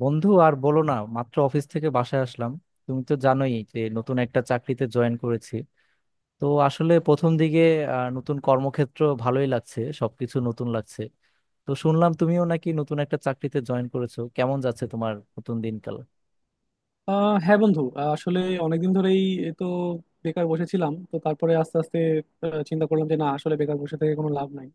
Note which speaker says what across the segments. Speaker 1: বন্ধু, আর বলো না, মাত্র অফিস থেকে বাসায় আসলাম। তুমি তো জানোই যে নতুন একটা চাকরিতে জয়েন করেছি। তো আসলে প্রথম দিকে নতুন কর্মক্ষেত্র ভালোই লাগছে, সবকিছু নতুন লাগছে। তো শুনলাম তুমিও নাকি নতুন একটা চাকরিতে জয়েন করেছো, কেমন যাচ্ছে তোমার নতুন দিনকাল?
Speaker 2: হ্যাঁ বন্ধু, আসলে অনেকদিন ধরেই এ তো বেকার বসেছিলাম। তো তারপরে আস্তে আস্তে চিন্তা করলাম যে না, আসলে বেকার বসে থেকে কোনো লাভ নাই।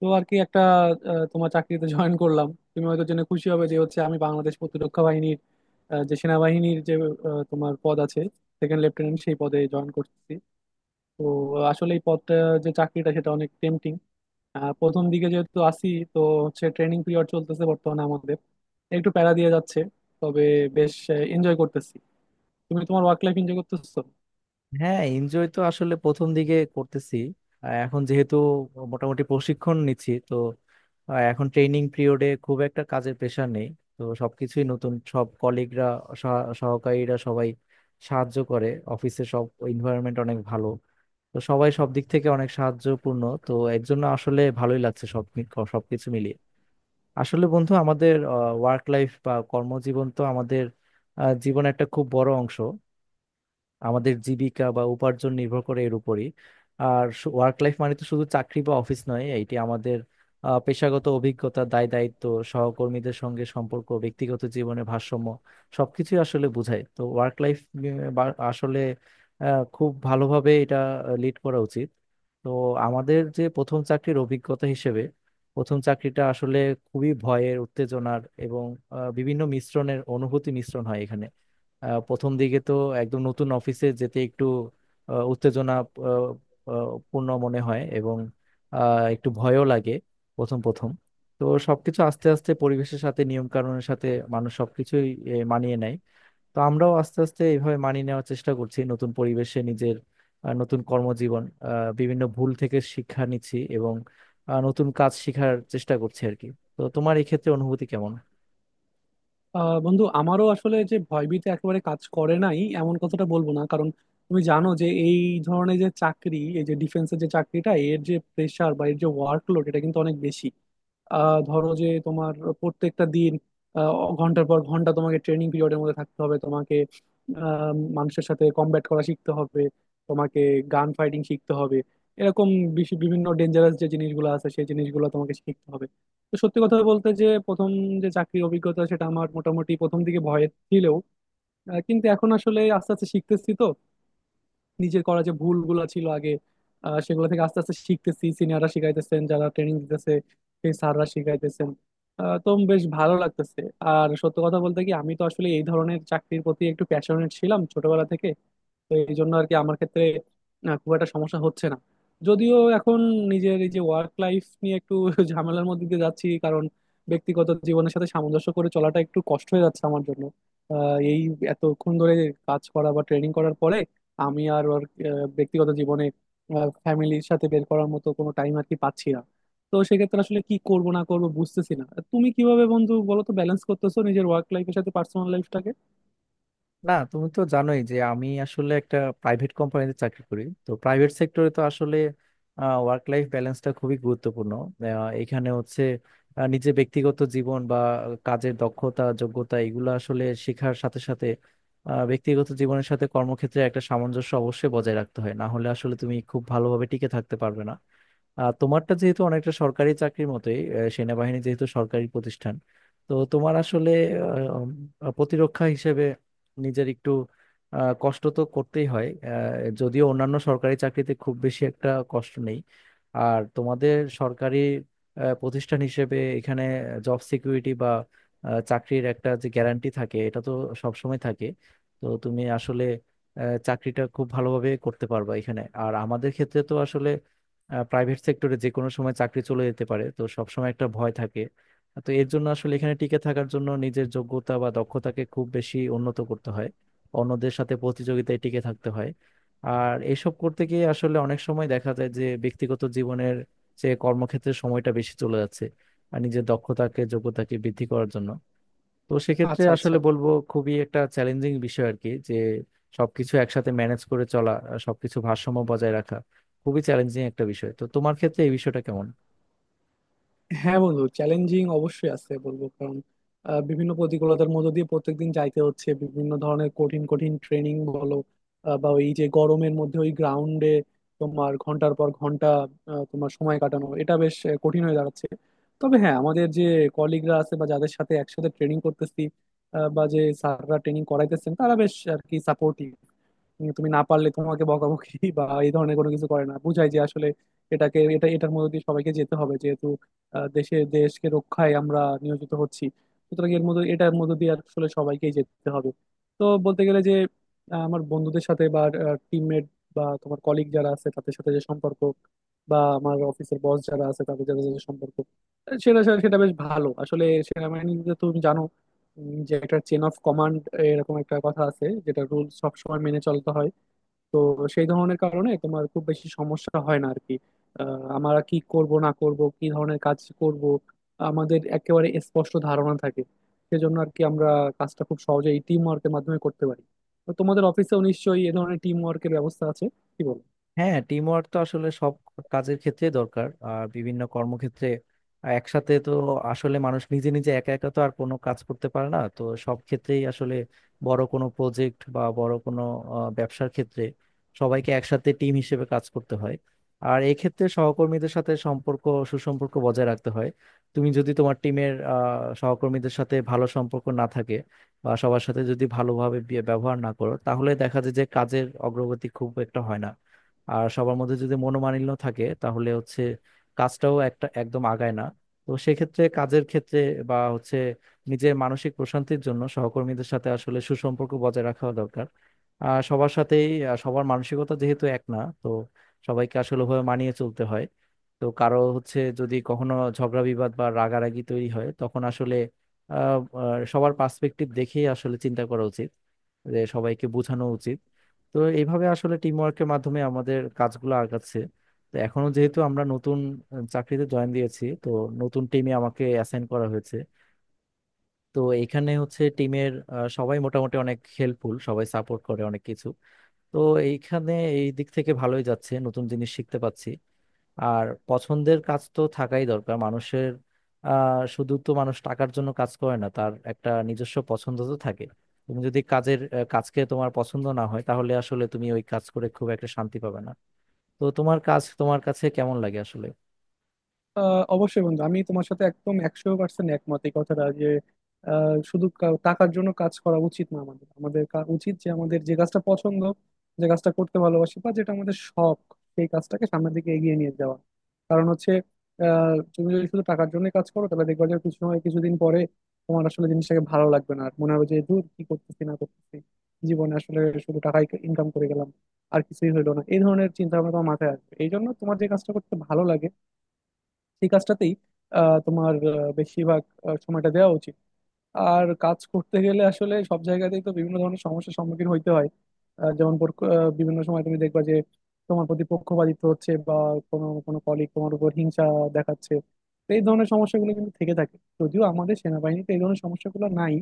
Speaker 2: তো আর কি একটা তোমার চাকরিতে জয়েন করলাম। তুমি হয়তো জেনে খুশি হবে যে হচ্ছে আমি বাংলাদেশ প্রতিরক্ষা বাহিনীর যে সেনাবাহিনীর, যে তোমার পদ আছে সেকেন্ড লেফটেন্যান্ট, সেই পদে জয়েন করছি। তো আসলে এই পদটা, যে চাকরিটা, সেটা অনেক টেম্পটিং। প্রথম দিকে যেহেতু আসি, তো হচ্ছে ট্রেনিং পিরিয়ড চলতেছে বর্তমানে আমাদের, একটু প্যারা দিয়ে যাচ্ছে। তবে বেশ এনজয় করতেছি। তুমি তোমার ওয়ার্ক লাইফ এনজয় করতেছো?
Speaker 1: হ্যাঁ, এনজয় তো আসলে প্রথম দিকে করতেছি। এখন যেহেতু মোটামুটি প্রশিক্ষণ নিচ্ছি তো এখন ট্রেনিং পিরিয়ডে খুব একটা কাজের প্রেশার নেই। তো সবকিছুই নতুন, সব কলিগরা, সহকারীরা সবাই সাহায্য করে, অফিসে সব এনভায়রনমেন্ট অনেক ভালো। তো সবাই সব দিক থেকে অনেক সাহায্যপূর্ণ। তো এর জন্য আসলে ভালোই লাগছে, সব সবকিছু মিলিয়ে। আসলে বন্ধু, আমাদের ওয়ার্ক লাইফ বা কর্মজীবন তো আমাদের জীবনের একটা খুব বড় অংশ, আমাদের জীবিকা বা উপার্জন নির্ভর করে এর উপরই। আর ওয়ার্ক লাইফ মানে তো শুধু চাকরি বা অফিস নয়, এটি আমাদের পেশাগত অভিজ্ঞতা, দায় দায়িত্ব, সহকর্মীদের সঙ্গে সম্পর্ক, ব্যক্তিগত জীবনের ভারসাম্য, সবকিছুই আসলে বোঝায় তো ওয়ার্ক লাইফ। আসলে খুব ভালোভাবে এটা লিড করা উচিত। তো আমাদের যে প্রথম চাকরির অভিজ্ঞতা হিসেবে প্রথম চাকরিটা আসলে খুবই ভয়ের, উত্তেজনার এবং বিভিন্ন মিশ্রণের অনুভূতি মিশ্রণ হয় এখানে। প্রথম দিকে তো একদম নতুন অফিসে যেতে একটু উত্তেজনা আহ, আহ, পূর্ণ মনে হয় এবং একটু ভয়ও লাগে প্রথম প্রথম। তো সবকিছু আস্তে আস্তে পরিবেশের সাথে, নিয়ম কানুনের সাথে মানুষ সবকিছুই মানিয়ে নেয়। তো আমরাও আস্তে আস্তে এইভাবে মানিয়ে নেওয়ার চেষ্টা করছি নতুন পরিবেশে নিজের নতুন কর্মজীবন, বিভিন্ন ভুল থেকে শিক্ষা নিচ্ছি এবং নতুন কাজ শেখার চেষ্টা করছি আর কি। তো তোমার এই ক্ষেত্রে অনুভূতি কেমন?
Speaker 2: বন্ধু, আমারও আসলে যে ভয়ভীতি একেবারে কাজ করে নাই এমন কথাটা বলবো না, কারণ তুমি জানো যে এই ধরনের যে চাকরি, এই যে ডিফেন্সের যে চাকরিটা, এর যে প্রেশার বা এর যে ওয়ার্কলোড এটা কিন্তু অনেক বেশি। ধরো যে তোমার প্রত্যেকটা দিন আহ, ঘন্টার পর ঘন্টা তোমাকে ট্রেনিং পিরিয়ডের মধ্যে থাকতে হবে। তোমাকে আহ, মানুষের সাথে কমব্যাট করা শিখতে হবে। তোমাকে গান ফাইটিং শিখতে হবে। এরকম বিভিন্ন ডেঞ্জারাস যে জিনিসগুলো আছে সেই জিনিসগুলো তোমাকে শিখতে হবে। তো সত্যি কথা বলতে, যে প্রথম যে চাকরির অভিজ্ঞতা সেটা আমার মোটামুটি প্রথম দিকে ভয় ছিলেও কিন্তু এখন আসলে আস্তে আস্তে শিখতেছি। তো নিজের করা যে ভুলগুলো ছিল আগে, সেগুলো থেকে আস্তে আস্তে শিখতেছি, সিনিয়ররা শিখাইতেছেন, যারা ট্রেনিং দিতেছে সেই স্যাররা শিখাইতেছেন। তো বেশ ভালো লাগতেছে। আর সত্য কথা বলতে কি, আমি তো আসলে এই ধরনের চাকরির প্রতি একটু প্যাশনেট ছিলাম ছোটবেলা থেকে। তো এই জন্য আর কি আমার ক্ষেত্রে খুব একটা সমস্যা হচ্ছে না। যদিও এখন নিজের এই যে ওয়ার্ক লাইফ নিয়ে একটু ঝামেলার মধ্যে দিয়ে যাচ্ছি, কারণ ব্যক্তিগত জীবনের সাথে সামঞ্জস্য করে চলাটা একটু কষ্ট হয়ে যাচ্ছে আমার জন্য। এই এতক্ষণ ধরে কাজ করা বা ট্রেনিং করার পরে আমি আর ওর ব্যক্তিগত জীবনে, ফ্যামিলির সাথে বের করার মতো কোনো টাইম আর কি পাচ্ছি না। তো সেক্ষেত্রে আসলে কি করবো না করবো বুঝতেছি না। তুমি কিভাবে বন্ধু বলো তো, ব্যালেন্স করতেছো নিজের ওয়ার্ক লাইফের সাথে পার্সোনাল লাইফটাকে?
Speaker 1: না, তুমি তো জানোই যে আমি আসলে একটা প্রাইভেট কোম্পানিতে চাকরি করি। তো প্রাইভেট সেক্টরে তো আসলে ওয়ার্ক লাইফ ব্যালেন্সটা খুবই গুরুত্বপূর্ণ। আহ, এখানে হচ্ছে নিজের ব্যক্তিগত জীবন বা কাজের দক্ষতা, যোগ্যতা এগুলো আসলে শেখার সাথে সাথে ব্যক্তিগত জীবনের সাথে কর্মক্ষেত্রে একটা সামঞ্জস্য অবশ্যই বজায় রাখতে হয়, না হলে আসলে তুমি খুব ভালোভাবে টিকে থাকতে পারবে না। তোমারটা যেহেতু অনেকটা সরকারি চাকরির মতোই, সেনাবাহিনী যেহেতু সরকারি প্রতিষ্ঠান, তো তোমার আসলে প্রতিরক্ষা হিসেবে নিজের একটু কষ্ট তো করতেই হয়। যদিও অন্যান্য সরকারি চাকরিতে খুব বেশি একটা কষ্ট নেই। আর তোমাদের সরকারি প্রতিষ্ঠান হিসেবে এখানে জব সিকিউরিটি বা চাকরির একটা যে গ্যারান্টি থাকে এটা তো সবসময় থাকে। তো তুমি আসলে চাকরিটা খুব ভালোভাবে করতে পারবা এখানে। আর আমাদের ক্ষেত্রে তো আসলে প্রাইভেট সেক্টরে যে কোনো সময় চাকরি চলে যেতে পারে, তো সবসময় একটা ভয় থাকে। তো এর জন্য আসলে এখানে টিকে থাকার জন্য নিজের যোগ্যতা বা দক্ষতাকে খুব বেশি উন্নত করতে হয়, অন্যদের সাথে প্রতিযোগিতায় টিকে থাকতে হয়। আর এসব করতে গিয়ে আসলে অনেক সময় দেখা যায় যে ব্যক্তিগত জীবনের যে কর্মক্ষেত্রে সময়টা বেশি চলে যাচ্ছে আর নিজের দক্ষতাকে, যোগ্যতাকে বৃদ্ধি করার জন্য। তো সেক্ষেত্রে
Speaker 2: আচ্ছা, আচ্ছা।
Speaker 1: আসলে বলবো, খুবই একটা চ্যালেঞ্জিং বিষয় আর কি, যে সবকিছু একসাথে ম্যানেজ করে চলা আর সবকিছু ভারসাম্য বজায় রাখা, খুবই চ্যালেঞ্জিং একটা বিষয়। তো তোমার ক্ষেত্রে এই বিষয়টা কেমন?
Speaker 2: হ্যাঁ বন্ধু, চ্যালেঞ্জিং অবশ্যই আছে বলবো, কারণ বিভিন্ন প্রতিকূলতার মধ্য দিয়ে প্রত্যেকদিন যাইতে হচ্ছে, বিভিন্ন ধরনের কঠিন কঠিন ট্রেনিং বলো বা ওই যে গরমের মধ্যে ওই গ্রাউন্ডে তোমার ঘন্টার পর ঘন্টা তোমার সময় কাটানো, এটা বেশ কঠিন হয়ে দাঁড়াচ্ছে। তবে হ্যাঁ আমাদের যে কলিগরা আছে বা যাদের সাথে একসাথে ট্রেনিং করতেছি বা যে স্যাররা ট্রেনিং করাইতেছেন, তারা বেশ আর কি সাপোর্টিভ। তুমি না পারলে তোমাকে বকাবকি বা এই ধরনের কোনো কিছু করে না, বুঝায় যে আসলে এটাকে এটা এটার মধ্যে দিয়ে সবাইকে যেতে হবে, যেহেতু আহ, দেশে দেশকে রক্ষায় আমরা নিয়োজিত হচ্ছি। সুতরাং এর মধ্যে এটার মধ্যে দিয়ে আসলে সবাইকেই যেতে হবে। তো বলতে গেলে যে আমার বন্ধুদের সাথে বা টিমমেট বা তোমার কলিগ যারা আছে তাদের সাথে যে সম্পর্ক, বা আমার অফিসের বস যারা আছে তাদের সাথে যে সম্পর্ক, আহ, সেটা সেটা বেশ ভালো। আসলে সেনাবাহিনীতে তো তুমি জানো, যে একটা চেন অফ কমান্ড এরকম একটা কথা আছে, যেটা রুল সবসময় মেনে চলতে হয়। তো সেই ধরনের কারণে তোমার খুব বেশি সমস্যা হয় না আর কি। আমরা কি করব না করব, কি ধরনের কাজ করব আমাদের একেবারে স্পষ্ট ধারণা থাকে। সেজন্য আর কি আমরা কাজটা খুব সহজে এই টিম ওয়ার্কের মাধ্যমে করতে পারি। তো তোমাদের অফিসেও নিশ্চয়ই এ ধরনের টিম ওয়ার্কের ব্যবস্থা আছে, কি বলো?
Speaker 1: হ্যাঁ, টিম ওয়ার্ক তো আসলে সব কাজের ক্ষেত্রে দরকার। আর বিভিন্ন কর্মক্ষেত্রে একসাথে তো আসলে মানুষ নিজে নিজে একা একা তো আর কোনো কাজ করতে পারে না। তো সব ক্ষেত্রেই আসলে বড় কোনো প্রজেক্ট বা বড় কোনো ব্যবসার ক্ষেত্রে সবাইকে একসাথে টিম হিসেবে কাজ করতে হয়। আর এক্ষেত্রে সহকর্মীদের সাথে সম্পর্ক, সুসম্পর্ক বজায় রাখতে হয়। তুমি যদি তোমার টিমের সহকর্মীদের সাথে ভালো সম্পর্ক না থাকে বা সবার সাথে যদি ভালোভাবে ব্যবহার না করো, তাহলে দেখা যায় যে কাজের অগ্রগতি খুব একটা হয় না। আর সবার মধ্যে যদি মনোমালিন্য থাকে তাহলে হচ্ছে কাজটাও একটা একদম আগায় না। তো সেক্ষেত্রে কাজের ক্ষেত্রে বা হচ্ছে নিজের মানসিক প্রশান্তির জন্য সহকর্মীদের সাথে আসলে সুসম্পর্ক বজায় রাখা দরকার। আর সবার সাথেই সবার মানসিকতা যেহেতু এক না, তো সবাইকে আসলে ওভাবে মানিয়ে চলতে হয়। তো কারো হচ্ছে যদি কখনো ঝগড়া বিবাদ বা রাগারাগি তৈরি হয়, তখন আসলে আহ আহ, সবার পার্সপেক্টিভ দেখেই আসলে চিন্তা করা উচিত, যে সবাইকে বোঝানো উচিত। তো এইভাবে আসলে টিম ওয়ার্কের মাধ্যমে আমাদের কাজগুলো আগাচ্ছে। তো এখনো যেহেতু আমরা নতুন চাকরিতে জয়েন দিয়েছি, তো নতুন টিমে আমাকে অ্যাসাইন করা হয়েছে। তো এখানে হচ্ছে টিমের সবাই মোটামুটি অনেক হেল্পফুল, সবাই সাপোর্ট করে অনেক কিছু। তো এইখানে এই দিক থেকে ভালোই যাচ্ছে, নতুন জিনিস শিখতে পাচ্ছি। আর পছন্দের কাজ তো থাকাই দরকার মানুষের। শুধু তো মানুষ টাকার জন্য কাজ করে না, তার একটা নিজস্ব পছন্দ তো থাকে। তুমি যদি কাজের কাজকে তোমার পছন্দ না হয়, তাহলে আসলে তুমি ওই কাজ করে খুব একটা শান্তি পাবে না। তো তোমার কাজ তোমার কাছে কেমন লাগে আসলে?
Speaker 2: অবশ্যই বন্ধু, আমি তোমার সাথে একদম একশো পার্সেন্ট একমত। এই কথাটা যে শুধু টাকার জন্য কাজ করা উচিত না আমাদের আমাদের উচিত যে আমাদের যে কাজটা পছন্দ, যে কাজটা করতে ভালোবাসি বা যেটা আমাদের শখ, সেই কাজটাকে সামনের দিকে এগিয়ে নিয়ে যাওয়া। কারণ হচ্ছে তুমি যদি শুধু টাকার জন্য কাজ করো, তাহলে দেখবা যে কিছু সময় কিছুদিন পরে তোমার আসলে জিনিসটাকে ভালো লাগবে না। আর মনে হবে যে দূর কি করতেছি না করতেছি, জীবনে আসলে শুধু টাকাই ইনকাম করে গেলাম, আর কিছুই হলো না। এই ধরনের চিন্তা ভাবনা তোমার মাথায় আসবে। এই জন্য তোমার যে কাজটা করতে ভালো লাগে সেই কাজটাতেই তোমার বেশিরভাগ সময়টা দেওয়া উচিত। আর কাজ করতে গেলে আসলে সব জায়গাতেই তো বিভিন্ন ধরনের সমস্যার সম্মুখীন হইতে হয়। যেমন বিভিন্ন সময় তুমি দেখবা যে তোমার প্রতি পক্ষপাতিত্ব হচ্ছে, বা কোনো কোনো কলিগ তোমার উপর হিংসা দেখাচ্ছে। তো এই ধরনের সমস্যাগুলো কিন্তু থেকে থাকে। যদিও আমাদের সেনাবাহিনীতে এই ধরনের সমস্যাগুলো নাই।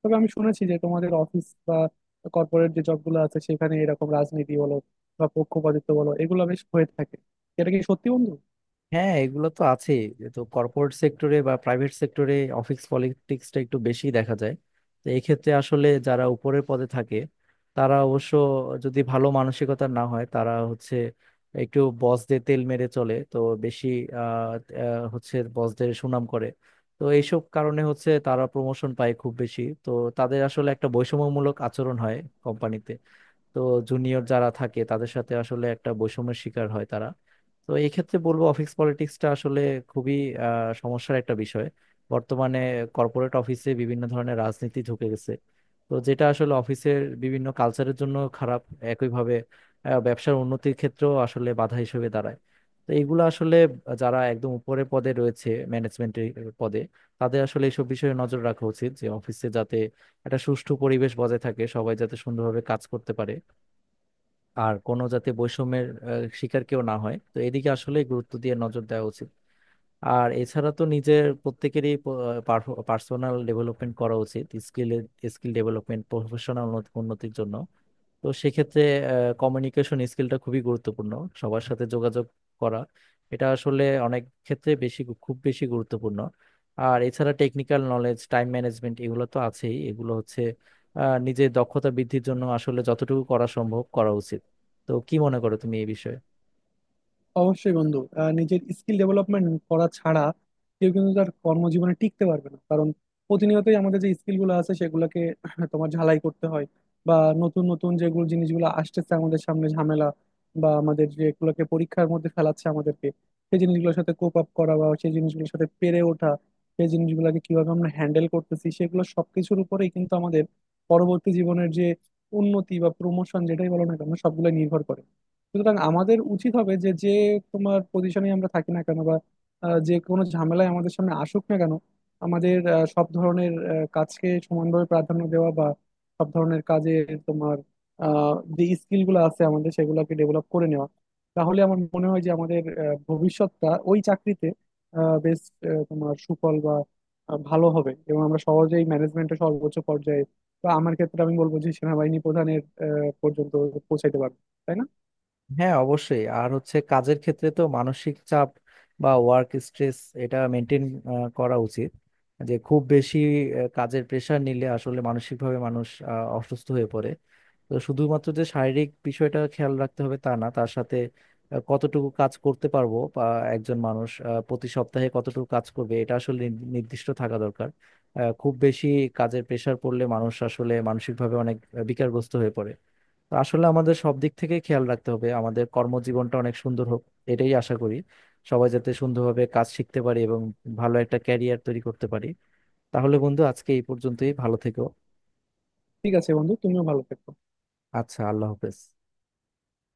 Speaker 2: তবে আমি শুনেছি যে তোমাদের অফিস বা কর্পোরেট যে জবগুলো আছে সেখানে এরকম রাজনীতি বলো বা পক্ষপাতিত্ব বলো এগুলো বেশ হয়ে থাকে। এটা কি সত্যি বন্ধু?
Speaker 1: হ্যাঁ, এগুলো তো আছে। তো কর্পোরেট সেক্টরে বা প্রাইভেট সেক্টরে অফিস পলিটিক্সটা একটু বেশি দেখা যায়। তো এক্ষেত্রে আসলে যারা উপরের পদে থাকে তারা অবশ্য যদি ভালো মানসিকতার না হয়, তারা হচ্ছে একটু বসদের তেল মেরে চলে তো বেশি আহ, আহ, হচ্ছে বসদের সুনাম করে। তো এইসব কারণে হচ্ছে তারা প্রমোশন পায় খুব বেশি, তো তাদের আসলে একটা বৈষম্যমূলক আচরণ হয় কোম্পানিতে। তো জুনিয়র যারা থাকে তাদের সাথে আসলে একটা বৈষম্যের শিকার হয় তারা। তো এই ক্ষেত্রে বলবো, অফিস পলিটিক্সটা আসলে খুবই সমস্যার একটা বিষয়। বর্তমানে কর্পোরেট অফিসে বিভিন্ন ধরনের রাজনীতি ঢুকে গেছে, তো যেটা আসলে অফিসের বিভিন্ন কালচারের জন্য খারাপ। একইভাবে ব্যবসার উন্নতির ক্ষেত্রেও আসলে বাধা হিসেবে দাঁড়ায়। তো এইগুলো আসলে যারা একদম উপরের পদে রয়েছে ম্যানেজমেন্টের পদে, তাদের আসলে এইসব বিষয়ে নজর রাখা উচিত, যে অফিসে যাতে একটা সুষ্ঠু পরিবেশ বজায় থাকে, সবাই যাতে সুন্দরভাবে কাজ করতে পারে, আর কোনো যাতে বৈষম্যের শিকার কেউ না হয়। তো এদিকে আসলে গুরুত্ব দিয়ে নজর দেওয়া উচিত। আর এছাড়া তো নিজের প্রত্যেকেরই পার্সোনাল ডেভেলপমেন্ট করা উচিত, স্কিল স্কিল ডেভেলপমেন্ট প্রফেশনাল উন্নতির জন্য। তো সেক্ষেত্রে কমিউনিকেশন স্কিলটা খুবই গুরুত্বপূর্ণ, সবার সাথে যোগাযোগ করা, এটা আসলে অনেক ক্ষেত্রে বেশি খুব বেশি গুরুত্বপূর্ণ। আর এছাড়া টেকনিক্যাল নলেজ, টাইম ম্যানেজমেন্ট, এগুলো তো আছেই, এগুলো হচ্ছে নিজের দক্ষতা বৃদ্ধির জন্য আসলে যতটুকু করা সম্ভব করা উচিত। তো কি মনে করো তুমি এই বিষয়ে?
Speaker 2: অবশ্যই বন্ধু, নিজের স্কিল ডেভেলপমেন্ট করা ছাড়া কেউ কিন্তু তার কর্মজীবনে টিকতে পারবে না, কারণ প্রতিনিয়তই আমাদের যে স্কিল গুলো আছে সেগুলোকে তোমার ঝালাই করতে হয়, বা নতুন নতুন যেগুলো জিনিসগুলো আসতেছে আমাদের সামনে ঝামেলা বা আমাদের যেগুলোকে পরীক্ষার মধ্যে ফেলাচ্ছে আমাদেরকে, সেই জিনিসগুলোর সাথে কোপ আপ করা বা সেই জিনিসগুলোর সাথে পেরে ওঠা, সেই জিনিসগুলোকে কিভাবে আমরা হ্যান্ডেল করতেছি, সেগুলো সবকিছুর উপরেই কিন্তু আমাদের পরবর্তী জীবনের যে উন্নতি বা প্রমোশন যেটাই বলো না কেন সবগুলো নির্ভর করে। সুতরাং আমাদের উচিত হবে যে যে তোমার পজিশনে আমরা থাকি না কেন, বা যে কোনো ঝামেলায় আমাদের সামনে আসুক না কেন, আমাদের সব ধরনের কাজকে সমানভাবে প্রাধান্য দেওয়া বা সব ধরনের কাজে তোমার যে স্কিলগুলো আছে আমাদের সেগুলোকে ডেভেলপ করে নেওয়া। তাহলে আমার মনে হয় যে আমাদের ভবিষ্যৎটা ওই চাকরিতে বেশ তোমার সুফল বা ভালো হবে, এবং আমরা সহজেই ম্যানেজমেন্টের সর্বোচ্চ পর্যায়ে, বা আমার ক্ষেত্রে আমি বলবো যে সেনাবাহিনী প্রধানের পর্যন্ত পৌঁছাইতে পারবো। তাই না?
Speaker 1: হ্যাঁ, অবশ্যই। আর হচ্ছে কাজের ক্ষেত্রে তো মানসিক চাপ বা ওয়ার্ক স্ট্রেস এটা মেনটেন করা উচিত। যে খুব বেশি কাজের প্রেশার নিলে আসলে মানসিকভাবে মানুষ অসুস্থ হয়ে পড়ে। তো শুধুমাত্র যে শারীরিক বিষয়টা খেয়াল রাখতে হবে তা না, তার সাথে কতটুকু কাজ করতে পারবো বা একজন মানুষ প্রতি সপ্তাহে কতটুকু কাজ করবে এটা আসলে নির্দিষ্ট থাকা দরকার। খুব বেশি কাজের প্রেশার পড়লে মানুষ আসলে মানসিকভাবে অনেক বিকারগ্রস্ত হয়ে পড়ে। তো আসলে আমাদের সব দিক থেকে খেয়াল রাখতে হবে, আমাদের কর্মজীবনটা অনেক সুন্দর হোক এটাই আশা করি। সবাই যাতে সুন্দরভাবে কাজ শিখতে পারি এবং ভালো একটা ক্যারিয়ার তৈরি করতে পারি। তাহলে বন্ধু, আজকে এই পর্যন্তই, ভালো থেকো।
Speaker 2: ঠিক আছে বন্ধু, তুমিও ভালো থেকো।
Speaker 1: আচ্ছা, আল্লাহ হাফেজ।